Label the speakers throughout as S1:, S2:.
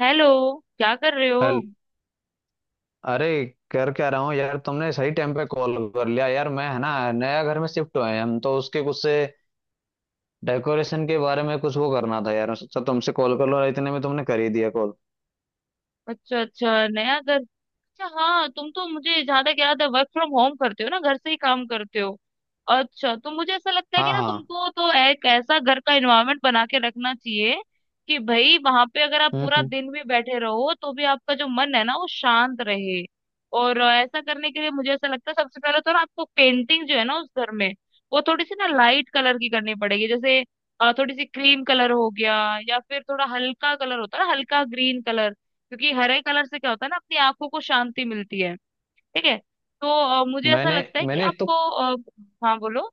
S1: Hello. क्या कर रहे हो?
S2: हेल अरे कर क्या रहा हूँ यार। तुमने सही टाइम पे कॉल कर लिया यार। मैं है ना, नया घर में शिफ्ट हुए हैं हम तो, उसके कुछ से डेकोरेशन के बारे में कुछ वो करना था यार। सोचा तुमसे कॉल कर लो, और इतने में तुमने कर ही दिया कॉल।
S1: अच्छा अच्छा, नया घर। अच्छा हाँ, तुम तो मुझे जहां तक याद है वर्क फ्रॉम होम करते हो ना, घर से ही काम करते हो। अच्छा तो मुझे ऐसा लगता है कि
S2: हाँ
S1: ना
S2: हाँ।
S1: तुमको तो एक ऐसा घर का एनवायरनमेंट बना के रखना चाहिए कि भाई वहां पे अगर आप पूरा
S2: हम्म।
S1: दिन भी बैठे रहो तो भी आपका जो मन है ना वो शांत रहे। और ऐसा करने के लिए मुझे ऐसा लगता है सबसे पहले तो ना आपको पेंटिंग जो है ना उस घर में वो थोड़ी सी ना लाइट कलर की करनी पड़ेगी। जैसे थोड़ी सी क्रीम कलर हो गया, या फिर थोड़ा हल्का कलर होता है ना, हल्का ग्रीन कलर। क्योंकि हरे कलर से क्या होता है ना, अपनी आंखों को शांति मिलती है। ठीक है। तो मुझे ऐसा
S2: मैंने
S1: लगता है कि
S2: मैंने तो
S1: आपको हाँ बोलो।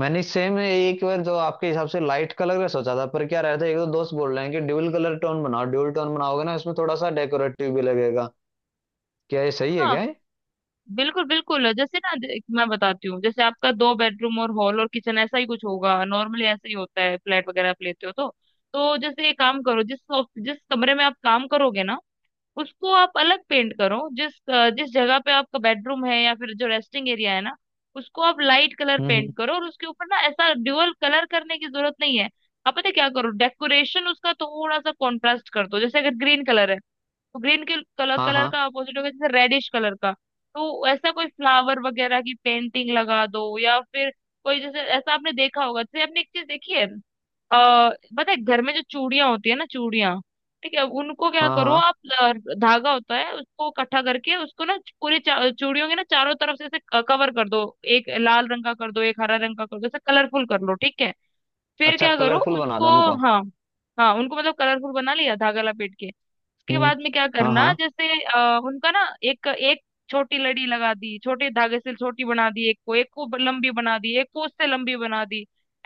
S2: मैंने सेम एक बार जो आपके हिसाब से लाइट कलर का सोचा था, पर क्या रहता है, एक दो दोस्त बोल रहे हैं कि ड्यूल कलर टोन बनाओ। ड्यूल टोन बनाओगे ना, इसमें थोड़ा सा डेकोरेटिव भी लगेगा। क्या ये सही है
S1: हाँ
S2: क्या ये?
S1: बिल्कुल बिल्कुल, जैसे ना मैं बताती हूँ, जैसे आपका 2 बेडरूम और हॉल और किचन ऐसा ही कुछ होगा, नॉर्मली ऐसा ही होता है फ्लैट वगैरह आप लेते हो तो। तो जैसे ये काम करो, जिस जिस कमरे में आप काम करोगे ना उसको आप अलग पेंट करो। जिस जिस जगह पे आपका बेडरूम है या फिर जो रेस्टिंग एरिया है ना उसको आप लाइट कलर
S2: हम्म।
S1: पेंट करो। और उसके ऊपर ना ऐसा ड्यूअल कलर करने की जरूरत नहीं है। आप पता है क्या करो, डेकोरेशन उसका थोड़ा सा कॉन्ट्रास्ट कर दो। जैसे अगर ग्रीन कलर है तो ग्रीन के कलर
S2: हाँ
S1: कलर
S2: हाँ।
S1: का अपोजिट होगा जैसे रेडिश कलर का। तो ऐसा कोई फ्लावर वगैरह की पेंटिंग लगा दो, या फिर कोई, जैसे ऐसा आपने देखा होगा, जैसे आपने एक चीज देखी है। अ पता है घर में जो चूड़ियां होती है ना, चूड़ियां, ठीक है, उनको क्या
S2: हाँ
S1: करो
S2: हाँ।
S1: आप, अ, धागा होता है, उसको इकट्ठा करके उसको ना पूरी चूड़ियों के ना चारों तरफ से ऐसे कवर कर दो। एक लाल रंग का कर दो, एक हरा रंग का कर दो, ऐसे कलरफुल कर लो। ठीक है, फिर
S2: अच्छा,
S1: क्या करो
S2: कलरफुल बना
S1: उसको।
S2: दो उनको।
S1: हाँ, हाँ उनको मतलब कलरफुल बना लिया धागा लपेट के, उसके
S2: हम्म।
S1: बाद में क्या
S2: हाँ
S1: करना,
S2: हाँ।
S1: जैसे उनका ना एक एक छोटी लड़ी लगा दी छोटे धागे से, छोटी बना दी एक को, एक को लंबी बना दी एक को, उससे लंबी बना दी।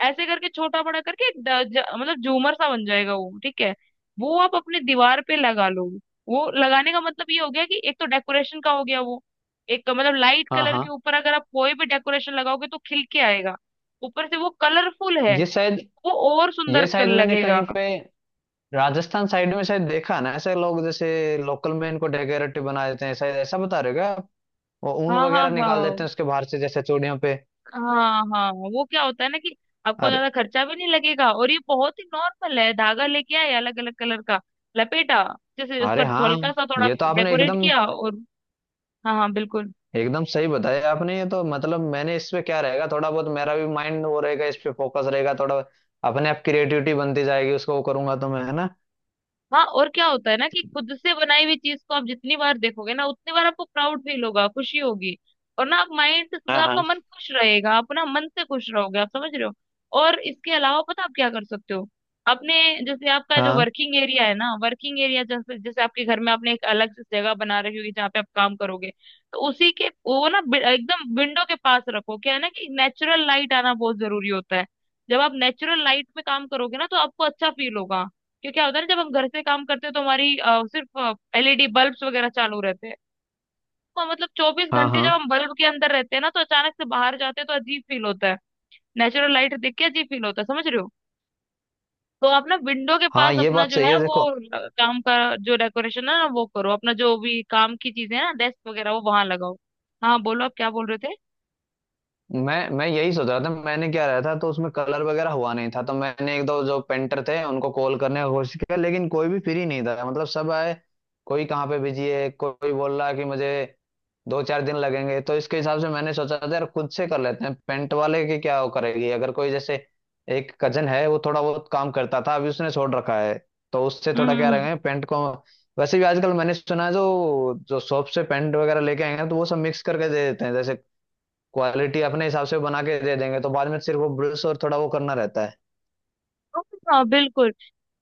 S1: ऐसे करके छोटा बड़ा करके एक मतलब झूमर सा बन जाएगा वो, ठीक है। वो आप अपने दीवार पे लगा लो। वो लगाने का मतलब ये हो गया कि एक तो डेकोरेशन का हो गया वो, एक मतलब लाइट
S2: हाँ
S1: कलर के
S2: हाँ।
S1: ऊपर अगर आप कोई भी डेकोरेशन लगाओगे तो खिल के आएगा। ऊपर से वो कलरफुल है,
S2: ये शायद
S1: वो और सुंदर
S2: ये
S1: कर
S2: शायद मैंने
S1: लगेगा।
S2: कहीं पे, राजस्थान साइड में शायद देखा ना, ऐसे लोग जैसे लोकल में इनको डेकोरेटिव बना देते हैं। शायद ऐसा बता रहे हो क्या आप? वो ऊन
S1: हाँ हाँ
S2: वगैरह निकाल देते
S1: हाँ,
S2: हैं उसके बाहर से जैसे चूड़ियों पे।
S1: हाँ हाँ, वो क्या होता है ना कि आपको
S2: अरे।
S1: ज्यादा खर्चा भी नहीं लगेगा, और ये बहुत ही नॉर्मल है, धागा लेके आए अलग अलग कलर का, लपेटा, जैसे उसका
S2: अरे हाँ,
S1: हल्का सा थोड़ा
S2: ये तो आपने
S1: डेकोरेट
S2: एकदम,
S1: किया, और हाँ हाँ बिल्कुल।
S2: एकदम सही बताया आपने। ये तो मतलब, मैंने इस पे क्या रहेगा, थोड़ा बहुत मेरा भी माइंड वो रहेगा, इस पे फोकस रहेगा थोड़ा। अपने आप क्रिएटिविटी बनती जाएगी, उसको वो करूंगा तो मैं, है ना।
S1: हाँ, और क्या होता है ना कि खुद से बनाई हुई चीज को आप जितनी बार देखोगे ना उतनी बार आपको प्राउड फील होगा, खुशी होगी। और ना आप माइंड से
S2: हाँ
S1: मतलब आपका
S2: हाँ।
S1: मन खुश रहेगा, आप ना मन से खुश रहोगे, आप समझ रहे हो। और इसके अलावा पता आप क्या कर सकते हो, आपने जैसे आपका जो
S2: हाँ
S1: वर्किंग एरिया है ना, वर्किंग एरिया जैसे, जैसे आपके घर में आपने एक अलग से जगह बना रखी होगी जहाँ पे आप काम करोगे, तो उसी के वो ना एकदम विंडो के पास रखो। क्या है ना कि नेचुरल लाइट आना बहुत जरूरी होता है। जब आप नेचुरल लाइट में काम करोगे ना तो आपको अच्छा फील होगा। क्योंकि क्या होता है ना, जब हम घर से काम करते हैं तो हमारी सिर्फ एलईडी बल्ब्स वगैरह चालू रहते हैं। तो मतलब चौबीस
S2: हाँ।
S1: घंटे
S2: हाँ
S1: जब हम बल्ब के अंदर रहते हैं ना तो अचानक से बाहर जाते हैं तो अजीब फील होता है। नेचुरल लाइट देख के अजीब फील होता है, समझ रहे हो। तो आप ना विंडो के
S2: हाँ,
S1: पास
S2: ये
S1: अपना
S2: बात
S1: जो
S2: सही
S1: है
S2: है
S1: वो
S2: देखो।
S1: काम का जो डेकोरेशन है ना वो करो, अपना जो भी काम की चीजें हैं ना, डेस्क वगैरह वो वहां लगाओ। हाँ बोलो, आप क्या बोल रहे थे?
S2: मैं यही सोच रहा था। मैंने क्या रहा था तो उसमें कलर वगैरह हुआ नहीं था, तो मैंने एक दो जो पेंटर थे उनको कॉल करने की कोशिश किया, लेकिन कोई भी फ्री नहीं था, मतलब सब आए। कोई कहाँ पे बिजी है, कोई बोल रहा है कि मुझे दो चार दिन लगेंगे। तो इसके हिसाब से मैंने सोचा था यार, खुद से कर लेते हैं, पेंट वाले की क्या वो करेगी। अगर कोई जैसे, एक कजन है वो थोड़ा बहुत काम करता था, अभी उसने छोड़ रखा है, तो उससे थोड़ा
S1: हम्म
S2: क्या
S1: हम्म,
S2: रहेंगे पेंट को। वैसे भी आजकल मैंने सुना है, जो जो शॉप से पेंट वगैरह लेके आएंगे तो वो सब मिक्स करके दे देते हैं, जैसे क्वालिटी अपने हिसाब से बना के दे देंगे, तो बाद में सिर्फ वो ब्रश और थोड़ा वो करना रहता है।
S1: हाँ बिल्कुल,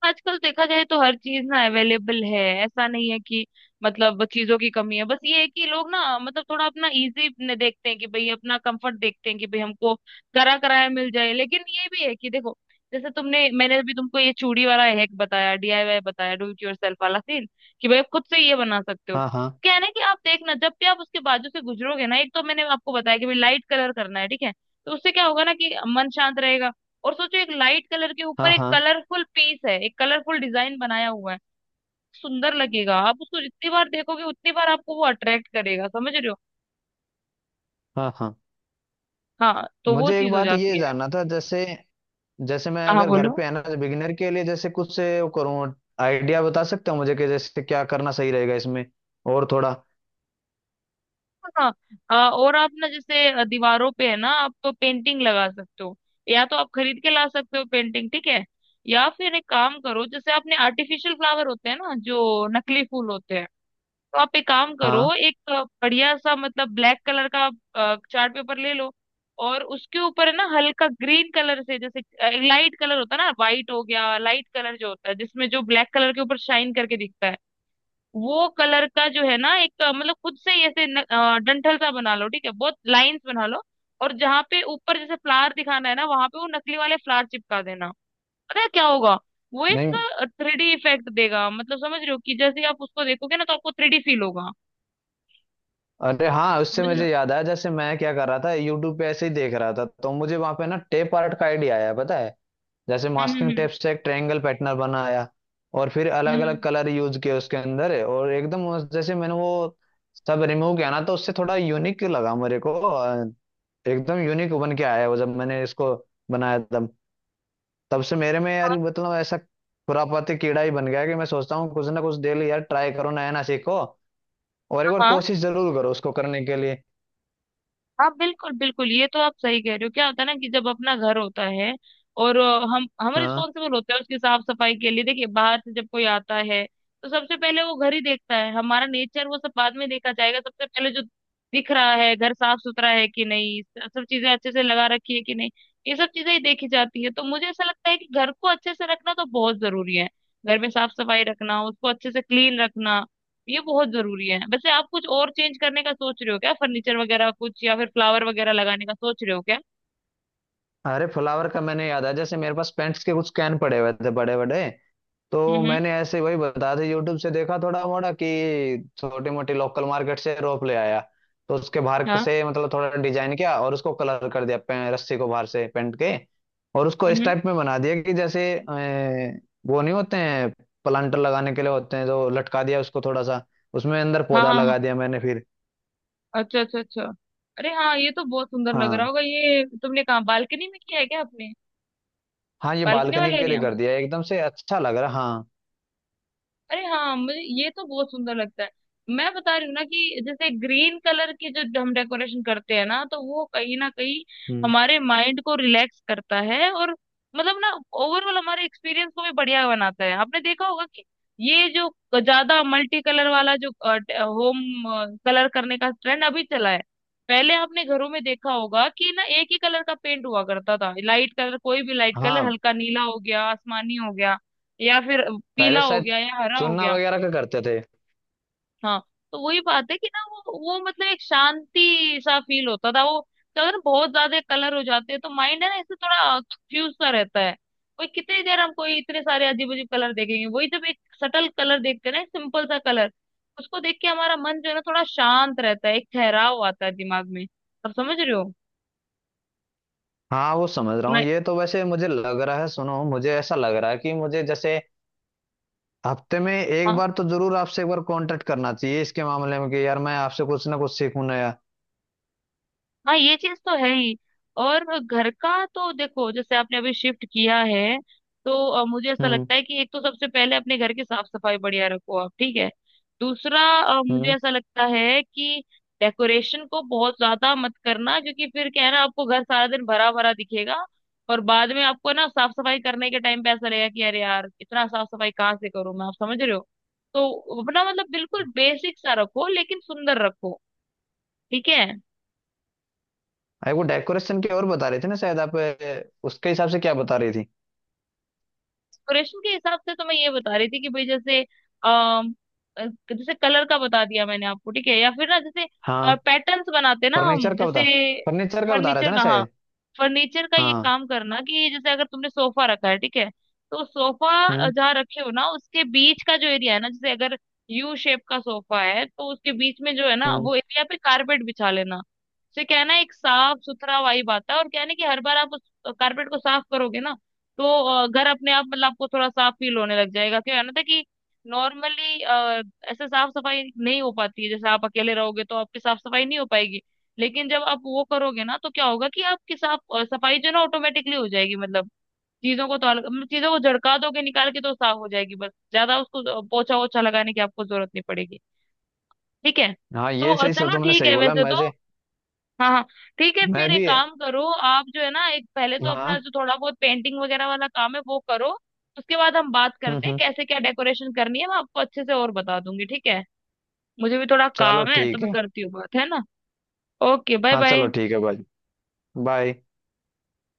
S1: आजकल देखा जाए तो हर चीज ना अवेलेबल है। ऐसा नहीं है कि मतलब चीजों की कमी है, बस ये है कि लोग ना मतलब थोड़ा अपना इजी देखते हैं कि भाई अपना कंफर्ट देखते हैं कि भाई हमको करा कराया मिल जाए। लेकिन ये भी है कि देखो, जैसे तुमने, मैंने अभी तुमको ये चूड़ी वाला हैक बताया, डीआईवाई बताया, डू इट योरसेल्फ वाला सीन, कि भाई आप खुद से ये बना सकते हो।
S2: हाँ हाँ।
S1: क्या है ना कि आप देखना, जब भी आप उसके बाजू से गुजरोगे ना, एक तो मैंने आपको बताया कि भाई लाइट कलर करना है, ठीक है, तो उससे क्या होगा ना कि मन शांत रहेगा। और सोचो, एक लाइट कलर के ऊपर
S2: हाँ
S1: एक
S2: हाँ।
S1: कलरफुल पीस है, एक कलरफुल डिजाइन बनाया हुआ है, सुंदर लगेगा। आप उसको जितनी बार देखोगे उतनी बार आपको वो अट्रैक्ट करेगा, समझ रहे हो।
S2: हाँ हाँ।
S1: हाँ तो वो
S2: मुझे एक
S1: चीज हो
S2: बात ये
S1: जाती है।
S2: जानना था, जैसे, जैसे मैं
S1: हाँ
S2: अगर घर
S1: बोलो।
S2: पे, है ना, बिगिनर के लिए जैसे कुछ से वो करूँ, आइडिया बता सकते हो मुझे, कि जैसे क्या करना सही रहेगा इसमें, और थोड़ा।
S1: हाँ और आप ना जैसे दीवारों पे है ना, आप तो पेंटिंग लगा सकते हो, या तो आप खरीद के ला सकते हो पेंटिंग, ठीक है, या फिर एक काम करो, जैसे आपने आर्टिफिशियल फ्लावर होते हैं ना, जो नकली फूल होते हैं, तो आप एक काम
S2: हाँ।
S1: करो, एक बढ़िया सा मतलब ब्लैक कलर का चार्ट पेपर ले लो। और उसके ऊपर है ना हल्का ग्रीन कलर से जैसे, लाइट कलर होता है ना, वाइट हो गया, लाइट कलर जो होता है, जिसमें जो ब्लैक कलर के ऊपर शाइन करके दिखता है, वो कलर का जो है ना एक मतलब खुद से ही ऐसे डंठल सा बना लो, ठीक है, बहुत लाइंस बना लो। और जहाँ पे ऊपर जैसे फ्लावर दिखाना है ना वहां पे वो नकली वाले फ्लावर चिपका देना। पता है क्या होगा, वो एक
S2: नहीं।
S1: थ्री डी इफेक्ट देगा, मतलब समझ रहे हो कि जैसे आप उसको देखोगे ना तो आपको थ्री डी फील होगा,
S2: अरे हाँ, उससे
S1: समझ रहे हो।
S2: मुझे याद आया, जैसे मैं क्या कर रहा था, यूट्यूब पे ऐसे ही देख रहा था, तो मुझे वहां पे ना टेप आर्ट का आइडिया आया, पता है। जैसे
S1: हम्म
S2: मास्किंग
S1: हम्म
S2: टेप से एक ट्रायंगल पैटर्न बनाया, और फिर
S1: हम्म
S2: अलग अलग
S1: हम्म।
S2: कलर यूज किए उसके अंदर, और एकदम जैसे मैंने वो सब रिमूव किया ना, तो उससे थोड़ा यूनिक लगा मेरे को। एकदम यूनिक बन के आया वो, जब मैंने इसको बनाया। तब, तब से मेरे में यार मतलब ऐसा खुरापाती कीड़ा ही बन गया, कि मैं सोचता हूँ कुछ ना कुछ डेली यार ट्राई करो, नया ना सीखो, और एक बार
S1: हाँ
S2: कोशिश जरूर करो उसको करने के लिए।
S1: हाँ बिल्कुल बिल्कुल, ये तो आप सही कह रहे हो। क्या होता है ना कि जब अपना घर होता है, और हम
S2: हाँ।
S1: रिस्पॉन्सिबल होते हैं उसकी साफ सफाई के लिए। देखिए बाहर से जब कोई आता है तो सबसे पहले वो घर ही देखता है, हमारा नेचर वो सब बाद में देखा जाएगा। सबसे पहले जो दिख रहा है, घर साफ सुथरा है कि नहीं, सब चीजें अच्छे से लगा रखी है कि नहीं, ये सब चीजें ही देखी जाती है। तो मुझे ऐसा लगता है कि घर को अच्छे से रखना तो बहुत जरूरी है, घर में साफ सफाई रखना, उसको अच्छे से क्लीन रखना, ये बहुत जरूरी है। वैसे आप कुछ और चेंज करने का सोच रहे हो क्या, फर्नीचर वगैरह कुछ, या फिर फ्लावर वगैरह लगाने का सोच रहे हो क्या?
S2: अरे फ्लावर का, मैंने याद आया, जैसे मेरे पास पेंट्स के कुछ कैन पड़े हुए थे बड़े बड़े, तो
S1: हम्म हम्म,
S2: मैंने ऐसे वही बता दिया, यूट्यूब से देखा थोड़ा मोड़ा, कि छोटी मोटी लोकल मार्केट से रोप ले आया। तो उसके बाहर
S1: हाँ
S2: से मतलब थोड़ा डिजाइन किया और उसको कलर कर दिया, रस्सी को बाहर से पेंट के, और उसको इस
S1: हम्म
S2: टाइप में बना दिया कि जैसे, वो नहीं होते हैं प्लांटर लगाने के लिए, होते हैं जो, लटका दिया उसको थोड़ा सा, उसमें अंदर
S1: हाँ
S2: पौधा
S1: हाँ
S2: लगा
S1: हाँ,
S2: दिया मैंने फिर।
S1: अच्छा अच्छा अच्छा। अरे हाँ, ये तो बहुत सुंदर लग रहा
S2: हाँ।
S1: होगा। ये तुमने कहा बालकनी में किया है क्या आपने?
S2: हाँ, ये
S1: बालकनी
S2: बालकनी
S1: वाले
S2: के लिए
S1: एरिया,
S2: कर दिया, एकदम से अच्छा लग रहा, हाँ।
S1: अरे हाँ मुझे ये तो बहुत सुंदर लगता है। मैं बता रही हूँ ना कि जैसे ग्रीन कलर की जो हम डेकोरेशन करते हैं ना तो वो कहीं ना कहीं
S2: हम्म।
S1: हमारे माइंड को रिलैक्स करता है। और मतलब ना ओवरऑल हमारे एक्सपीरियंस को भी बढ़िया बनाता है। आपने देखा होगा कि ये जो ज्यादा मल्टी कलर वाला जो होम कलर करने का ट्रेंड अभी चला है, पहले आपने घरों में देखा होगा कि ना एक ही कलर का पेंट हुआ करता था, लाइट कलर, कोई भी लाइट कलर,
S2: हाँ।
S1: हल्का नीला हो गया, आसमानी हो गया, या फिर पीला
S2: पहले
S1: हो
S2: शायद
S1: गया, या हरा हो
S2: चुनना
S1: गया।
S2: वगैरह का करते थे।
S1: हाँ, तो वही बात है कि ना वो मतलब एक शांति सा फील होता था। वो क्या होता है ना बहुत ज्यादा कलर हो जाते हैं तो माइंड है ना इससे थोड़ा कंफ्यूज सा रहता है। वही कितनी देर हम कोई इतने सारे अजीब अजीब कलर देखेंगे, वही जब एक सटल कलर देखते हैं ना, सिंपल सा कलर, उसको देख के हमारा मन जो है ना थोड़ा शांत रहता है, एक ठहराव आता है दिमाग में, आप समझ रहे हो।
S2: हाँ, वो समझ रहा
S1: सुना।
S2: हूँ। ये तो वैसे मुझे लग रहा है, सुनो, मुझे ऐसा लग रहा है कि मुझे जैसे हफ्ते में एक बार तो जरूर आपसे एक बार कांटेक्ट करना चाहिए इसके मामले में, कि यार मैं आपसे कुछ ना कुछ सीखूं नया।
S1: हाँ ये चीज तो है ही। और घर का तो देखो, जैसे आपने अभी शिफ्ट किया है तो मुझे ऐसा
S2: हम्म
S1: लगता है कि एक तो सबसे पहले अपने घर की साफ सफाई बढ़िया रखो आप, ठीक है। दूसरा मुझे
S2: हम्म।
S1: ऐसा लगता है कि डेकोरेशन को बहुत ज्यादा मत करना, क्योंकि फिर क्या है ना आपको घर सारा दिन भरा भरा दिखेगा। और बाद में आपको ना साफ सफाई करने के टाइम पे ऐसा लगेगा कि अरे यार इतना साफ सफाई कहाँ से करूँ मैं, आप समझ रहे हो। तो अपना मतलब बिल्कुल बेसिक सा रखो, लेकिन सुंदर रखो, ठीक है।
S2: अरे, वो डेकोरेशन की और बता रही थी ना शायद आप, उसके हिसाब से क्या बता रही थी।
S1: डेकोरेशन के हिसाब से तो मैं ये बता रही थी कि भाई जैसे अम, अ, जैसे कलर का बता दिया मैंने आपको, ठीक है, या फिर ना जैसे
S2: हाँ,
S1: पैटर्न्स बनाते ना हम,
S2: फर्नीचर का
S1: जैसे
S2: बता, फर्नीचर का बता रहे थे
S1: फर्नीचर
S2: ना
S1: का, हाँ
S2: शायद।
S1: फर्नीचर का ये
S2: हाँ।
S1: काम करना कि जैसे अगर तुमने सोफा रखा है, ठीक है, तो सोफा
S2: हम्म
S1: जहाँ रखे हो ना उसके बीच का जो एरिया है ना, जैसे अगर यू शेप का सोफा है तो उसके बीच में जो है ना
S2: हम्म।
S1: वो एरिया पे कारपेट बिछा लेना। उससे क्या है ना एक साफ सुथरा वाइब आता है, और क्या है ना कि हर बार आप उस कारपेट को साफ करोगे ना, तो घर अपने आप मतलब आपको थोड़ा साफ फील होने लग जाएगा। क्या है ना था कि नॉर्मली ऐसे साफ सफाई नहीं हो पाती है, जैसे आप अकेले रहोगे तो आपकी साफ सफाई नहीं हो पाएगी, लेकिन जब आप वो करोगे ना तो क्या होगा कि आपकी साफ सफाई जो है ना ऑटोमेटिकली हो जाएगी, मतलब चीजों को तो मतलब चीजों को झड़का दोगे निकाल के तो साफ हो जाएगी, बस ज्यादा उसको पोछा वोछा लगाने की आपको जरूरत नहीं पड़ेगी, ठीक है।
S2: हाँ,
S1: तो
S2: ये सही से तो
S1: चलो
S2: तुमने
S1: ठीक
S2: सही
S1: है।
S2: बोला।
S1: वैसे तो हाँ हाँ ठीक है,
S2: मैं
S1: फिर एक
S2: भी,
S1: काम करो आप जो है ना, एक पहले तो अपना
S2: हाँ।
S1: जो थोड़ा बहुत पेंटिंग वगैरह वाला काम है वो करो, उसके बाद हम बात करते हैं
S2: हम्म।
S1: कैसे क्या डेकोरेशन करनी है, मैं आपको अच्छे से और बता दूंगी, ठीक है। मुझे भी थोड़ा
S2: चलो
S1: काम है तो
S2: ठीक
S1: मैं
S2: है।
S1: करती हूँ बात, है ना। ओके बाय
S2: हाँ
S1: बाय।
S2: चलो ठीक है भाई। बाय।